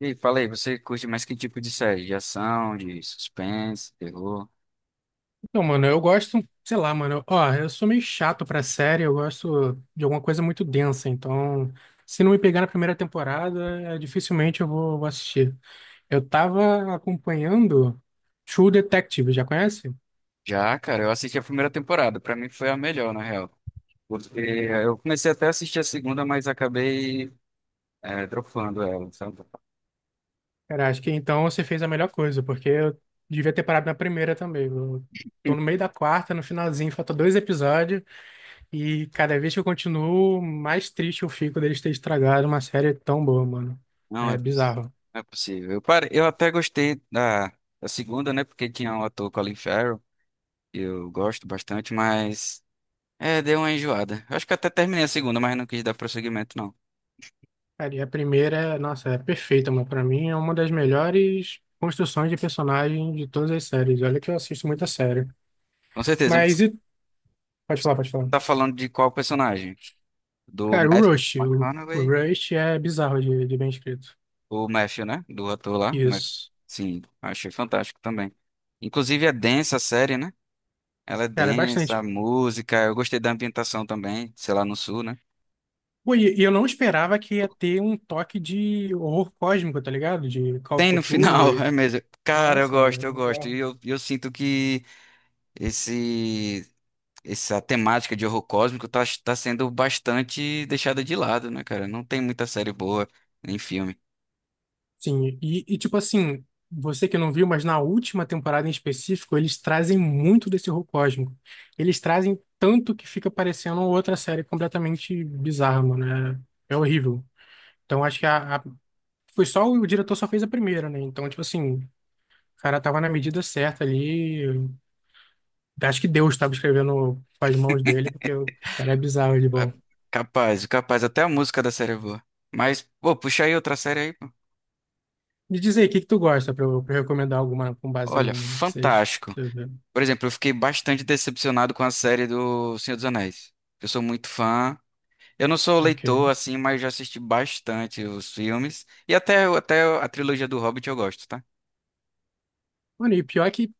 E aí, fala aí, você curte mais que tipo de série? De ação, de suspense, terror? Não, mano, eu gosto, sei lá, mano. Ó, eu sou meio chato pra série, eu gosto de alguma coisa muito densa, então se não me pegar na primeira temporada, dificilmente eu vou assistir. Eu tava acompanhando True Detective, já conhece? Já, cara, eu assisti a primeira temporada. Pra mim foi a melhor, na real. Porque eu comecei até a assistir a segunda, mas acabei dropando ela, sabe? Cara, acho que então você fez a melhor coisa, porque eu devia ter parado na primeira também. Eu tô no meio da quarta, no finalzinho, falta dois episódios, e cada vez que eu continuo, mais triste eu fico deles ter estragado uma série tão boa, mano. Não é, É poss- bizarro. não é possível. Eu até gostei da segunda, né? Porque tinha o ator Colin Farrell, que eu gosto bastante, mas deu uma enjoada. Eu acho que até terminei a segunda, mas não quis dar prosseguimento, não. Cara, e a primeira, nossa, é perfeita, mano. Pra mim é uma das melhores construções de personagem de todas as séries. Olha que eu assisto muita série. Com certeza, mas você Mas e... Pode falar, pode falar. tá falando de qual personagem? Do Cara, o Matthew Rush. O McConaughey? Rush é bizarro de bem escrito. O Matthew, né? Do ator lá. Isso. Sim, achei fantástico também. Inclusive é densa a série, né? Ela é Cara, é densa, bastante. a música. Eu gostei da ambientação também, sei lá, no sul, né? Pô, e eu não esperava que ia ter um toque de horror cósmico, tá ligado? De Call of Tem no Cthulhu final, e... é mesmo. Cara, eu Nossa, mano, gosto, é eu gosto. E bizarro. eu sinto que esse, essa temática de horror cósmico tá sendo bastante deixada de lado, né, cara? Não tem muita série boa, nem filme. Sim, e tipo assim, você que não viu, mas na última temporada em específico, eles trazem muito desse horror cósmico. Eles trazem tanto que fica parecendo outra série completamente bizarra, mano. É, é horrível. Então acho que foi só o diretor só fez a primeira, né? Então, tipo assim, o cara tava na medida certa ali. Acho que Deus estava escrevendo com as mãos dele, porque o cara é bizarro de É, bom. capaz, capaz, até a música da série é boa. Mas, pô, puxa aí outra série aí, pô. Me diz aí, o que que tu gosta pra eu recomendar alguma com base Olha, no que fantástico. você vê? Por exemplo, eu fiquei bastante decepcionado com a série do Senhor dos Anéis. Eu sou muito fã. Eu não sou Ok. leitor, assim, mas já assisti bastante os filmes. E até a trilogia do Hobbit eu gosto, tá? Mano, e pior que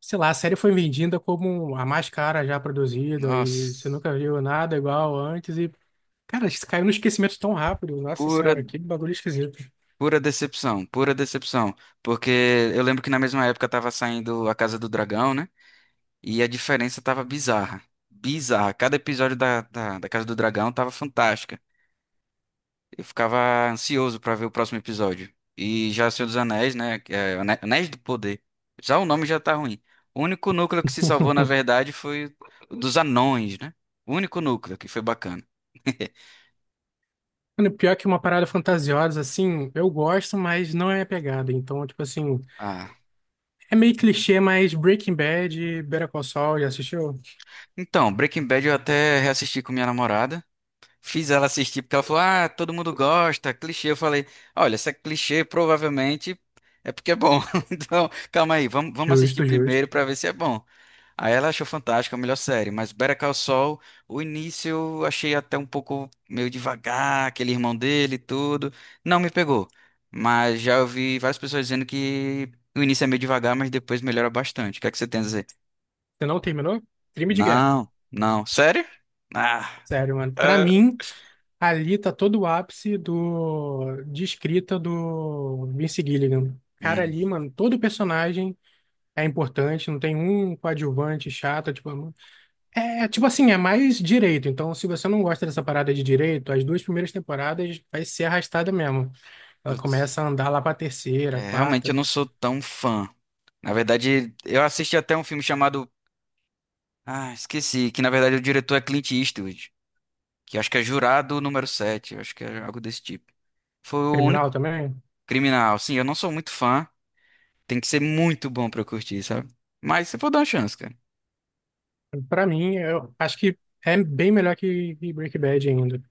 sei lá, a série foi vendida como a mais cara já produzida e você Nossa, nunca viu nada igual antes e, cara, isso caiu no esquecimento tão rápido. Nossa pura, senhora, que bagulho esquisito. pura decepção, pura decepção. Porque eu lembro que na mesma época tava saindo A Casa do Dragão, né? E a diferença tava bizarra. Bizarra. Cada episódio da Casa do Dragão tava fantástica. Eu ficava ansioso pra ver o próximo episódio. E já Senhor dos Anéis, né? Que é Anéis do Poder. Já o nome já tá ruim. O único núcleo que se salvou, na verdade, foi o dos anões, né? O único núcleo que foi bacana. Mano, pior que uma parada fantasiosa, assim, eu gosto, mas não é minha pegada. Então, tipo assim, Ah, é meio clichê, mas Breaking Bad e Better Call Saul, já assistiu? então, Breaking Bad eu até reassisti com minha namorada. Fiz ela assistir porque ela falou: "Ah, todo mundo gosta, clichê." Eu falei: "Olha, se é clichê, provavelmente é porque é bom." Então, calma aí, vamos assistir Justo, justo. primeiro pra ver se é bom. Aí ela achou fantástica, a melhor série, mas Better Call Saul, o início eu achei até um pouco meio devagar, aquele irmão dele e tudo, não me pegou. Mas já ouvi várias pessoas dizendo que o início é meio devagar, mas depois melhora bastante. O que é que você tem a dizer? Você não terminou? Crime de guerra. Não, não. Sério? Ah, Sério, mano. Pra é, mim, ali tá todo o ápice de escrita do Vince Gilligan. Cara, hum, ali, mano, todo personagem é importante, não tem um coadjuvante chato, tipo, é, tipo assim, é mais direito. Então, se você não gosta dessa parada de direito, as duas primeiras temporadas vai ser arrastada mesmo. Ela putz. começa a andar lá pra terceira, É, realmente eu quarta, não sou tão fã. Na verdade, eu assisti até um filme chamado... Ah, esqueci, que na verdade o diretor é Clint Eastwood. Que acho que é jurado número 7, acho que é algo desse tipo. Foi o criminal único também. criminal, sim. Eu não sou muito fã, tem que ser muito bom pra eu curtir, sabe? Mas você pode dar uma chance, cara. Pra mim, eu acho que é bem melhor que Breaking Bad ainda.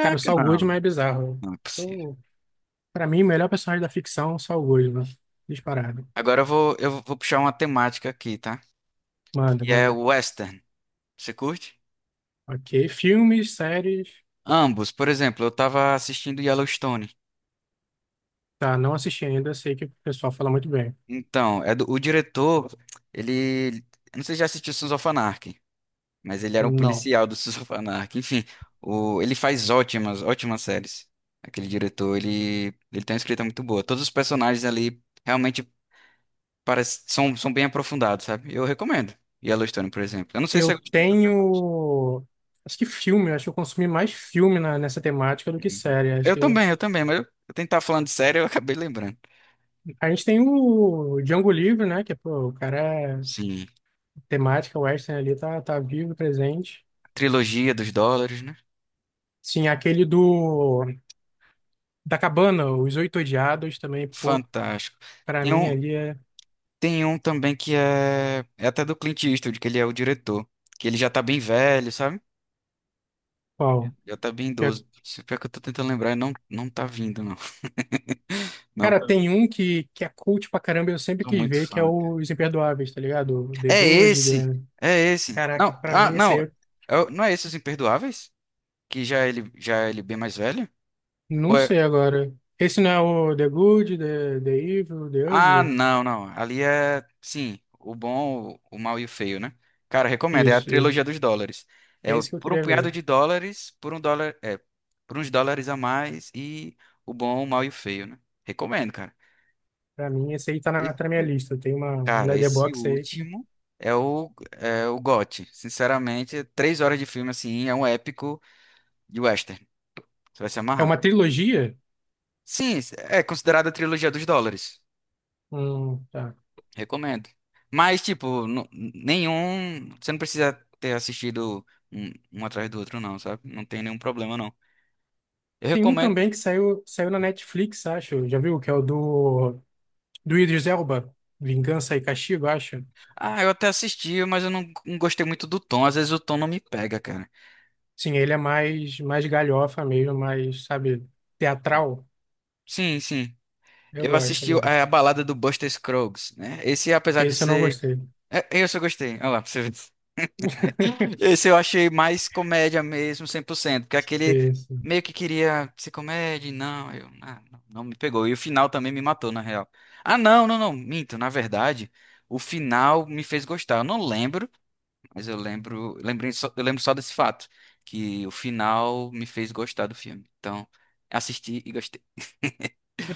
Cara, o Saul Goodman não, é bizarro. não é possível. Pra mim, o melhor personagem da ficção, Saul Goodman. Disparado. Agora eu vou puxar uma temática aqui, tá? Manda, Que é manda. o western. Você curte? Ok. Filmes, séries. Ambos, por exemplo, eu tava assistindo Yellowstone. Tá, não assisti ainda. Sei que o pessoal fala muito bem. Então, é do, o diretor, ele, eu não sei se já assistiu Sons of Anarchy. Mas ele era um Não. policial do Sons of Anarchy. Enfim, o, ele faz ótimas séries. Aquele diretor, ele tem uma escrita muito boa. Todos os personagens ali realmente parece, são, são bem aprofundados, sabe? Eu recomendo. Yellowstone, por exemplo. Eu não sei se Eu eu gostei tanto. tenho. Acho que filme. Acho que eu consumi mais filme nessa temática do que Uhum. série. Acho Eu que... também, eu também, mas eu tentar falando de série, eu acabei lembrando. A gente tem o Django Livre, né? Que, pô, o cara. é- Sim. Temática western ali tá vivo, presente. Trilogia dos dólares, né? Sim, aquele do. Da Cabana, Os Oito Odiados também, pô. Fantástico. Pra Tem mim um, ali é. tem um também que é, é até do Clint Eastwood, que ele é o diretor. Que ele já tá bem velho, sabe? Qual? Já tá bem idoso. Se pior que eu tô tentando lembrar, não, não tá vindo, não. Não Cara, tá vindo. tem um que é cult pra caramba, eu sempre Tô quis muito ver, que é fã, o cara. Os Imperdoáveis, tá ligado? O The É Good, esse! The... É esse! Não, Caraca, pra ah, mim esse aí não. eu É o- não é esse Os Imperdoáveis? Que já é ele bem mais velho? não Ou é... sei agora. Esse não é o The Good, The Evil, The Ah, Ugly? não, não. Ali é, sim, o bom, o mau e o feio, né? Cara, recomendo. É a Isso, trilogia isso. dos dólares. É o- Esse que eu por um queria ver. punhado de dólares, por um dólar, é, por uns dólares a mais e o bom, o mau e o feio, né? Recomendo, cara. Pra mim, esse aí tá na minha Esse lista. Tem uma cara, esse Letterboxd aí. último é o, é o GOT. Sinceramente, três horas de filme, assim, é um épico de western. Você vai se É amarrar. uma trilogia? Sim, é considerada a trilogia dos dólares. Tá. Recomendo. Mas, tipo, nenhum. Você não precisa ter assistido um, um atrás do outro, não, sabe? Não tem nenhum problema, não. Eu Tem um recomendo. também que saiu na Netflix, acho. Já viu? Que é o do Idris Elba. Vingança e Castigo, acho. Ah, eu até assisti, mas eu não gostei muito do tom. Às vezes o tom não me pega, cara. Sim, ele é mais galhofa mesmo, mais, sabe, teatral. Sim, sim. Eu Eu gosto, eu assisti é, a gosto. balada do Buster Scruggs, né? Esse, apesar de Esse eu não ser gostei. é, esse eu gostei. Olha lá, pra você ver. Esse eu achei mais comédia mesmo, 100%. Porque aquele Esse. meio que queria ser comédia, e não, eu, ah, não, não me pegou. E o final também me matou, na real. Ah, não, não, não, minto. Na verdade, o final me fez gostar. Eu não lembro, mas eu lembro, lembrei só, eu lembro só desse fato, que o final me fez gostar do filme. Então, assisti e gostei.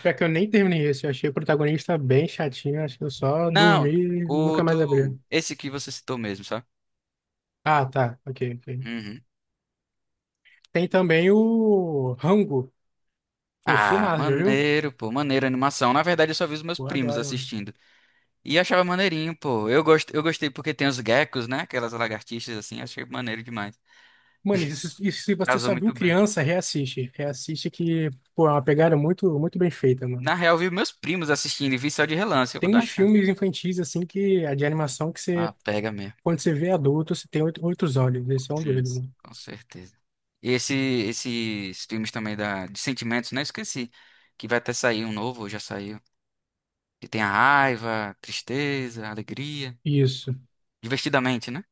Pior que eu nem terminei esse. Eu achei o protagonista bem chatinho. Acho que eu só dormi Não, e o nunca mais abri. do, esse que você citou mesmo, sabe? Ah, tá. Ok, ok. Uhum. Tem também o Rango. Pô, Ah, filmaço, já viu? maneiro, pô, maneiro a animação. Na verdade, eu só vi os meus Pô, eu primos adoro, mano. assistindo. E achava maneirinho, pô. Eu gostei porque tem os geckos, né? Aquelas lagartixas assim, achei maneiro demais. Mano, e se você Casou só viu muito bem. criança, reassiste. Reassiste que, pô, é uma pegada muito, muito bem feita, mano. Na real, vi meus primos assistindo e vi só de relance. Eu vou Tem dar uma uns chance. filmes infantis, assim, que, de animação que Ah, você pega mesmo. Quando você vê adulto, você tem oito, oito olhos. Esse é um Sim, deles, né? com certeza. E esse, esses filmes também da... de sentimentos, né? Esqueci. Que vai até sair um novo, já saiu. Que tem a raiva, tristeza, alegria. Isso, Divertidamente, né?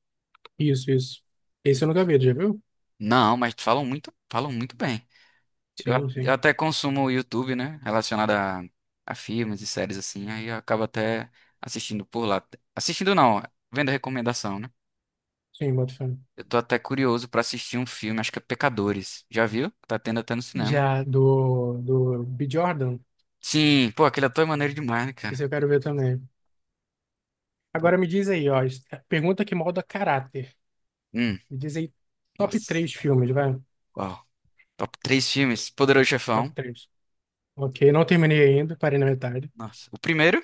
isso, isso. Hum. Esse eu nunca vi, tu já viu? Não, mas falam muito bem. Eu, Sim, a- eu sim. até consumo o YouTube, né? Relacionado a filmes e séries assim. Aí eu acabo até assistindo por lá. Assistindo não, vendo recomendação, né? Sim, boto fé. Eu tô até curioso pra assistir um filme, acho que é Pecadores. Já viu? Tá tendo até no cinema. Já do B. Jordan, Sim, pô, aquele ator é maneiro demais, né, cara? esse eu quero ver também. Pô, Agora me diz aí, ó. Pergunta que molda caráter. hum, Me diz aí, top nossa. três filmes, vai. Uau. Top três filmes. Poderoso Top Chefão. três. Ok, não terminei ainda, parei na metade. Nossa. O primeiro?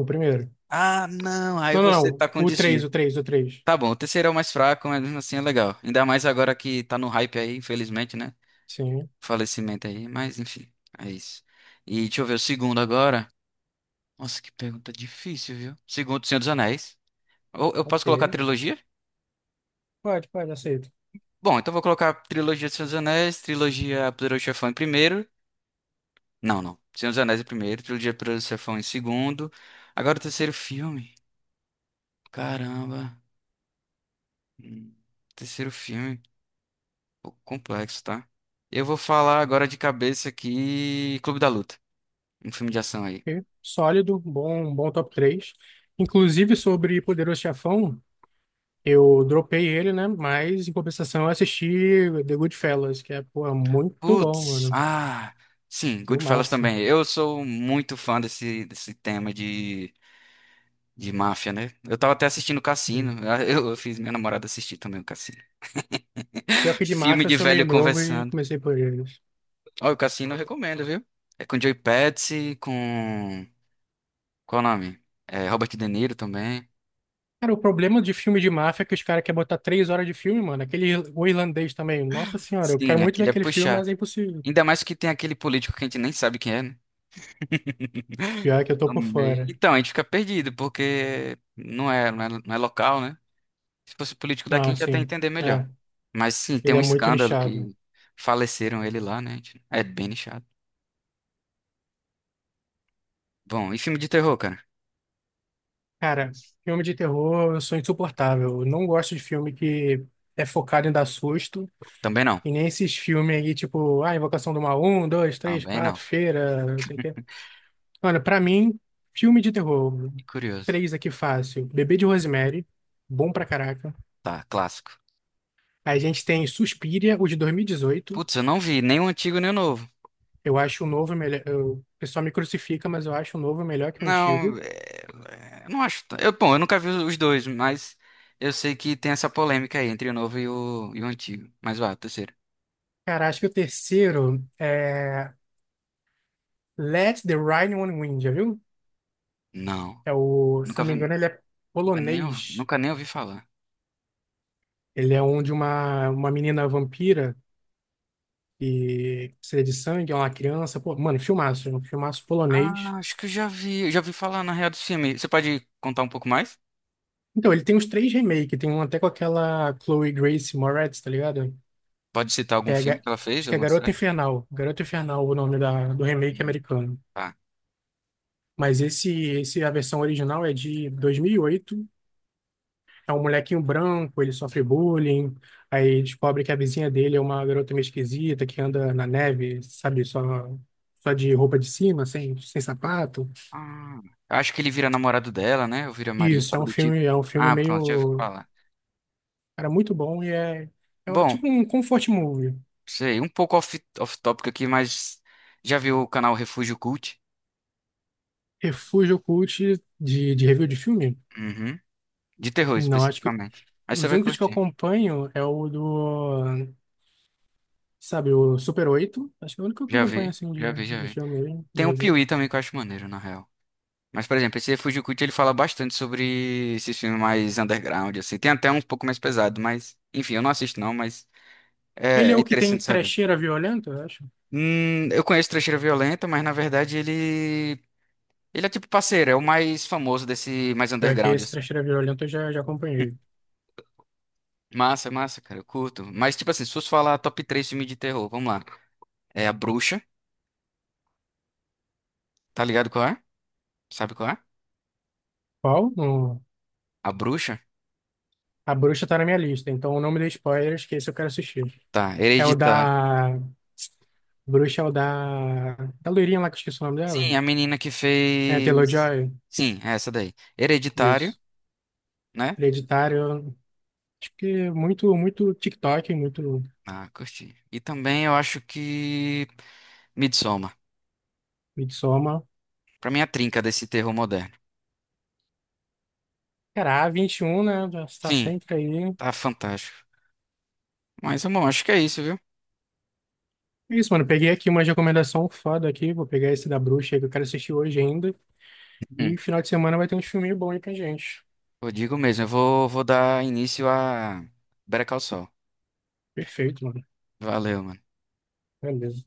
O primeiro. Ah, não. Aí Não, não, você não. tá com O três, desvio. o três, o três. Tá bom, o terceiro é o mais fraco, mas mesmo assim é legal. Ainda mais agora que tá no hype aí, infelizmente, né? Sim, Falecimento aí, mas enfim, é isso. E deixa eu ver o segundo agora. Nossa, que pergunta difícil, viu? Segundo, Senhor dos Anéis. Ou eu posso colocar ok. trilogia? Pode, pode, aceito. Bom, então vou colocar trilogia do Senhor dos Anéis, trilogia Poderoso Chefão em primeiro. Não, não. Senhor dos Anéis em primeiro, trilogia Poderoso Chefão em segundo. Agora o terceiro filme. Caramba. Hum, Terceiro filme. Um pouco complexo, tá? Eu vou falar agora de cabeça aqui Clube da Luta. Um filme de ação aí. Ok. Sólido, bom, um bom top 3. Inclusive sobre Poderoso Chefão, eu dropei ele, né? Mas em compensação eu assisti The Goodfellas, que é, pô, é muito bom, Putz, mano. ah, sim, Goodfellas Filmaço. também. Eu sou muito fã desse tema de máfia, né? Eu tava até assistindo o Cassino. Ah, Eu fiz minha namorada assistir também o Cassino. Pior que de Filme máfia eu de sou meio velho novo e conversando. comecei por eles. Ó, o Cassino eu recomendo, viu? É com Joey Pesci, com... Qual o nome? É, Robert De Niro também. Cara, o problema de filme de máfia é que os caras querem botar 3 horas de filme, mano. Aquele o irlandês também. Nossa senhora, eu quero Sim, muito ver aquele é aquele filme, puxar. mas é impossível. Ainda mais que tem aquele político que a gente nem sabe quem é, né? Pior que eu tô por Amei. fora. Então, a gente fica perdido, porque não é local, né? Se fosse político daqui, a Ah, gente ia até sim. entender É. melhor. Mas sim, tem Ele é um muito escândalo nichado. que faleceram ele lá, né? A gente? É bem nichado. Bom, e filme de terror, cara? Cara, filme de terror eu sou insuportável. Eu não gosto de filme que é focado em dar susto. Também não. E nem esses filmes aí, tipo, ah, Invocação do Mal, um, dois, três, Também não. quatro, Feira, não sei o quê. Mano, pra mim, filme de terror, Que curioso. três aqui fácil. Bebê de Rosemary, bom pra caraca. Tá, clássico. A gente tem Suspiria, o de 2018. Putz, eu não vi nem o antigo nem o novo. Eu acho o novo melhor. O pessoal me crucifica, mas eu acho o novo melhor que o Não, antigo. é, é, não acho. Eu, bom, eu nunca vi os dois, mas eu sei que tem essa polêmica aí entre o novo e o antigo. Mas vá, o terceiro. Cara, acho que o terceiro é Let the Right One Win, já viu? Não, É o, se eu nunca não me engano, vi, ele é polonês. nunca nem ouvi falar. Ele é onde uma menina vampira que precisa de sangue, é uma criança. Pô, mano, filmaço, é um filmaço polonês. Ah, acho que eu já vi falar na real do filme. Você pode contar um pouco mais? Então, ele tem os três remakes. Tem um até com aquela Chloe Grace Moretz, tá ligado? Pode citar algum Que é, filme que ela fez? acho que é Alguma Garota série? Infernal. Garota Infernal, o nome do remake Hum, americano. tá. Mas esse, a versão original é de 2008. É um molequinho branco, ele sofre bullying, aí descobre que a vizinha dele é uma garota meio esquisita que anda na neve, sabe, só de roupa de cima, sem sapato. Ah, eu acho que ele vira namorado dela, né? Ou vira marido, Isso, algo do tipo. É um filme Ah, pronto, já ouvi meio, falar. cara, muito bom e Bom, tipo um comfort movie. sei, um pouco off, off-topic aqui, mas já viu o canal Refúgio Cult? Refúgio Cult de review de filme? Uhum. De terror, Não, acho que especificamente. Aí você os vai únicos que eu curtir. acompanho é o do, sabe, o Super 8. Acho que é o único que eu Já acompanho vi, assim já de, vi, já de vi. filme, de Tem o review. Piuí também que eu acho maneiro, na real. Mas, por exemplo, esse Refúgio Cult, ele fala bastante sobre esses filmes mais underground, assim. Tem até um pouco mais pesado, mas... Enfim, eu não assisto não, mas Ele é é é o que tem interessante saber. trecheira violenta, eu acho. Eu conheço Trecheira Violenta, mas na verdade ele. Ele é tipo parceiro, é o mais famoso desse mais Pior que underground, esse assim. Trecheira Violenta eu já acompanhei. Massa, massa, cara, eu curto. Mas, tipo assim, se fosse falar top 3 filme de terror, vamos lá. É A Bruxa, tá ligado qual é? Sabe qual é? Qual? A Bruxa? A Bruxa tá na minha lista, então não me dê spoilers, que esse eu quero assistir. Tá, É o Hereditar. da. Bruxa é o da. Da loirinha lá que eu esqueci o nome dela. Sim, a menina que É, fez. Taylor-Joy. Sim, é essa daí. Hereditário, Isso. né? Hereditário. Acho que muito, muito TikTok, muito Ah, curti. E também eu acho que. Midsommar. Midsommar. Pra mim, é a trinca desse terror moderno. Cara, a 21 né? Já está Sim, sempre aí. tá fantástico. Mas, bom, acho que é isso, viu? É isso, mano. Peguei aqui uma recomendação foda aqui. Vou pegar esse da Bruxa aí que eu quero assistir hoje ainda. Hum. E final de semana vai ter um filminho bom aí pra gente. Eu digo mesmo, eu vou dar início a Better Call Saul. Perfeito, mano. Valeu, mano. Beleza.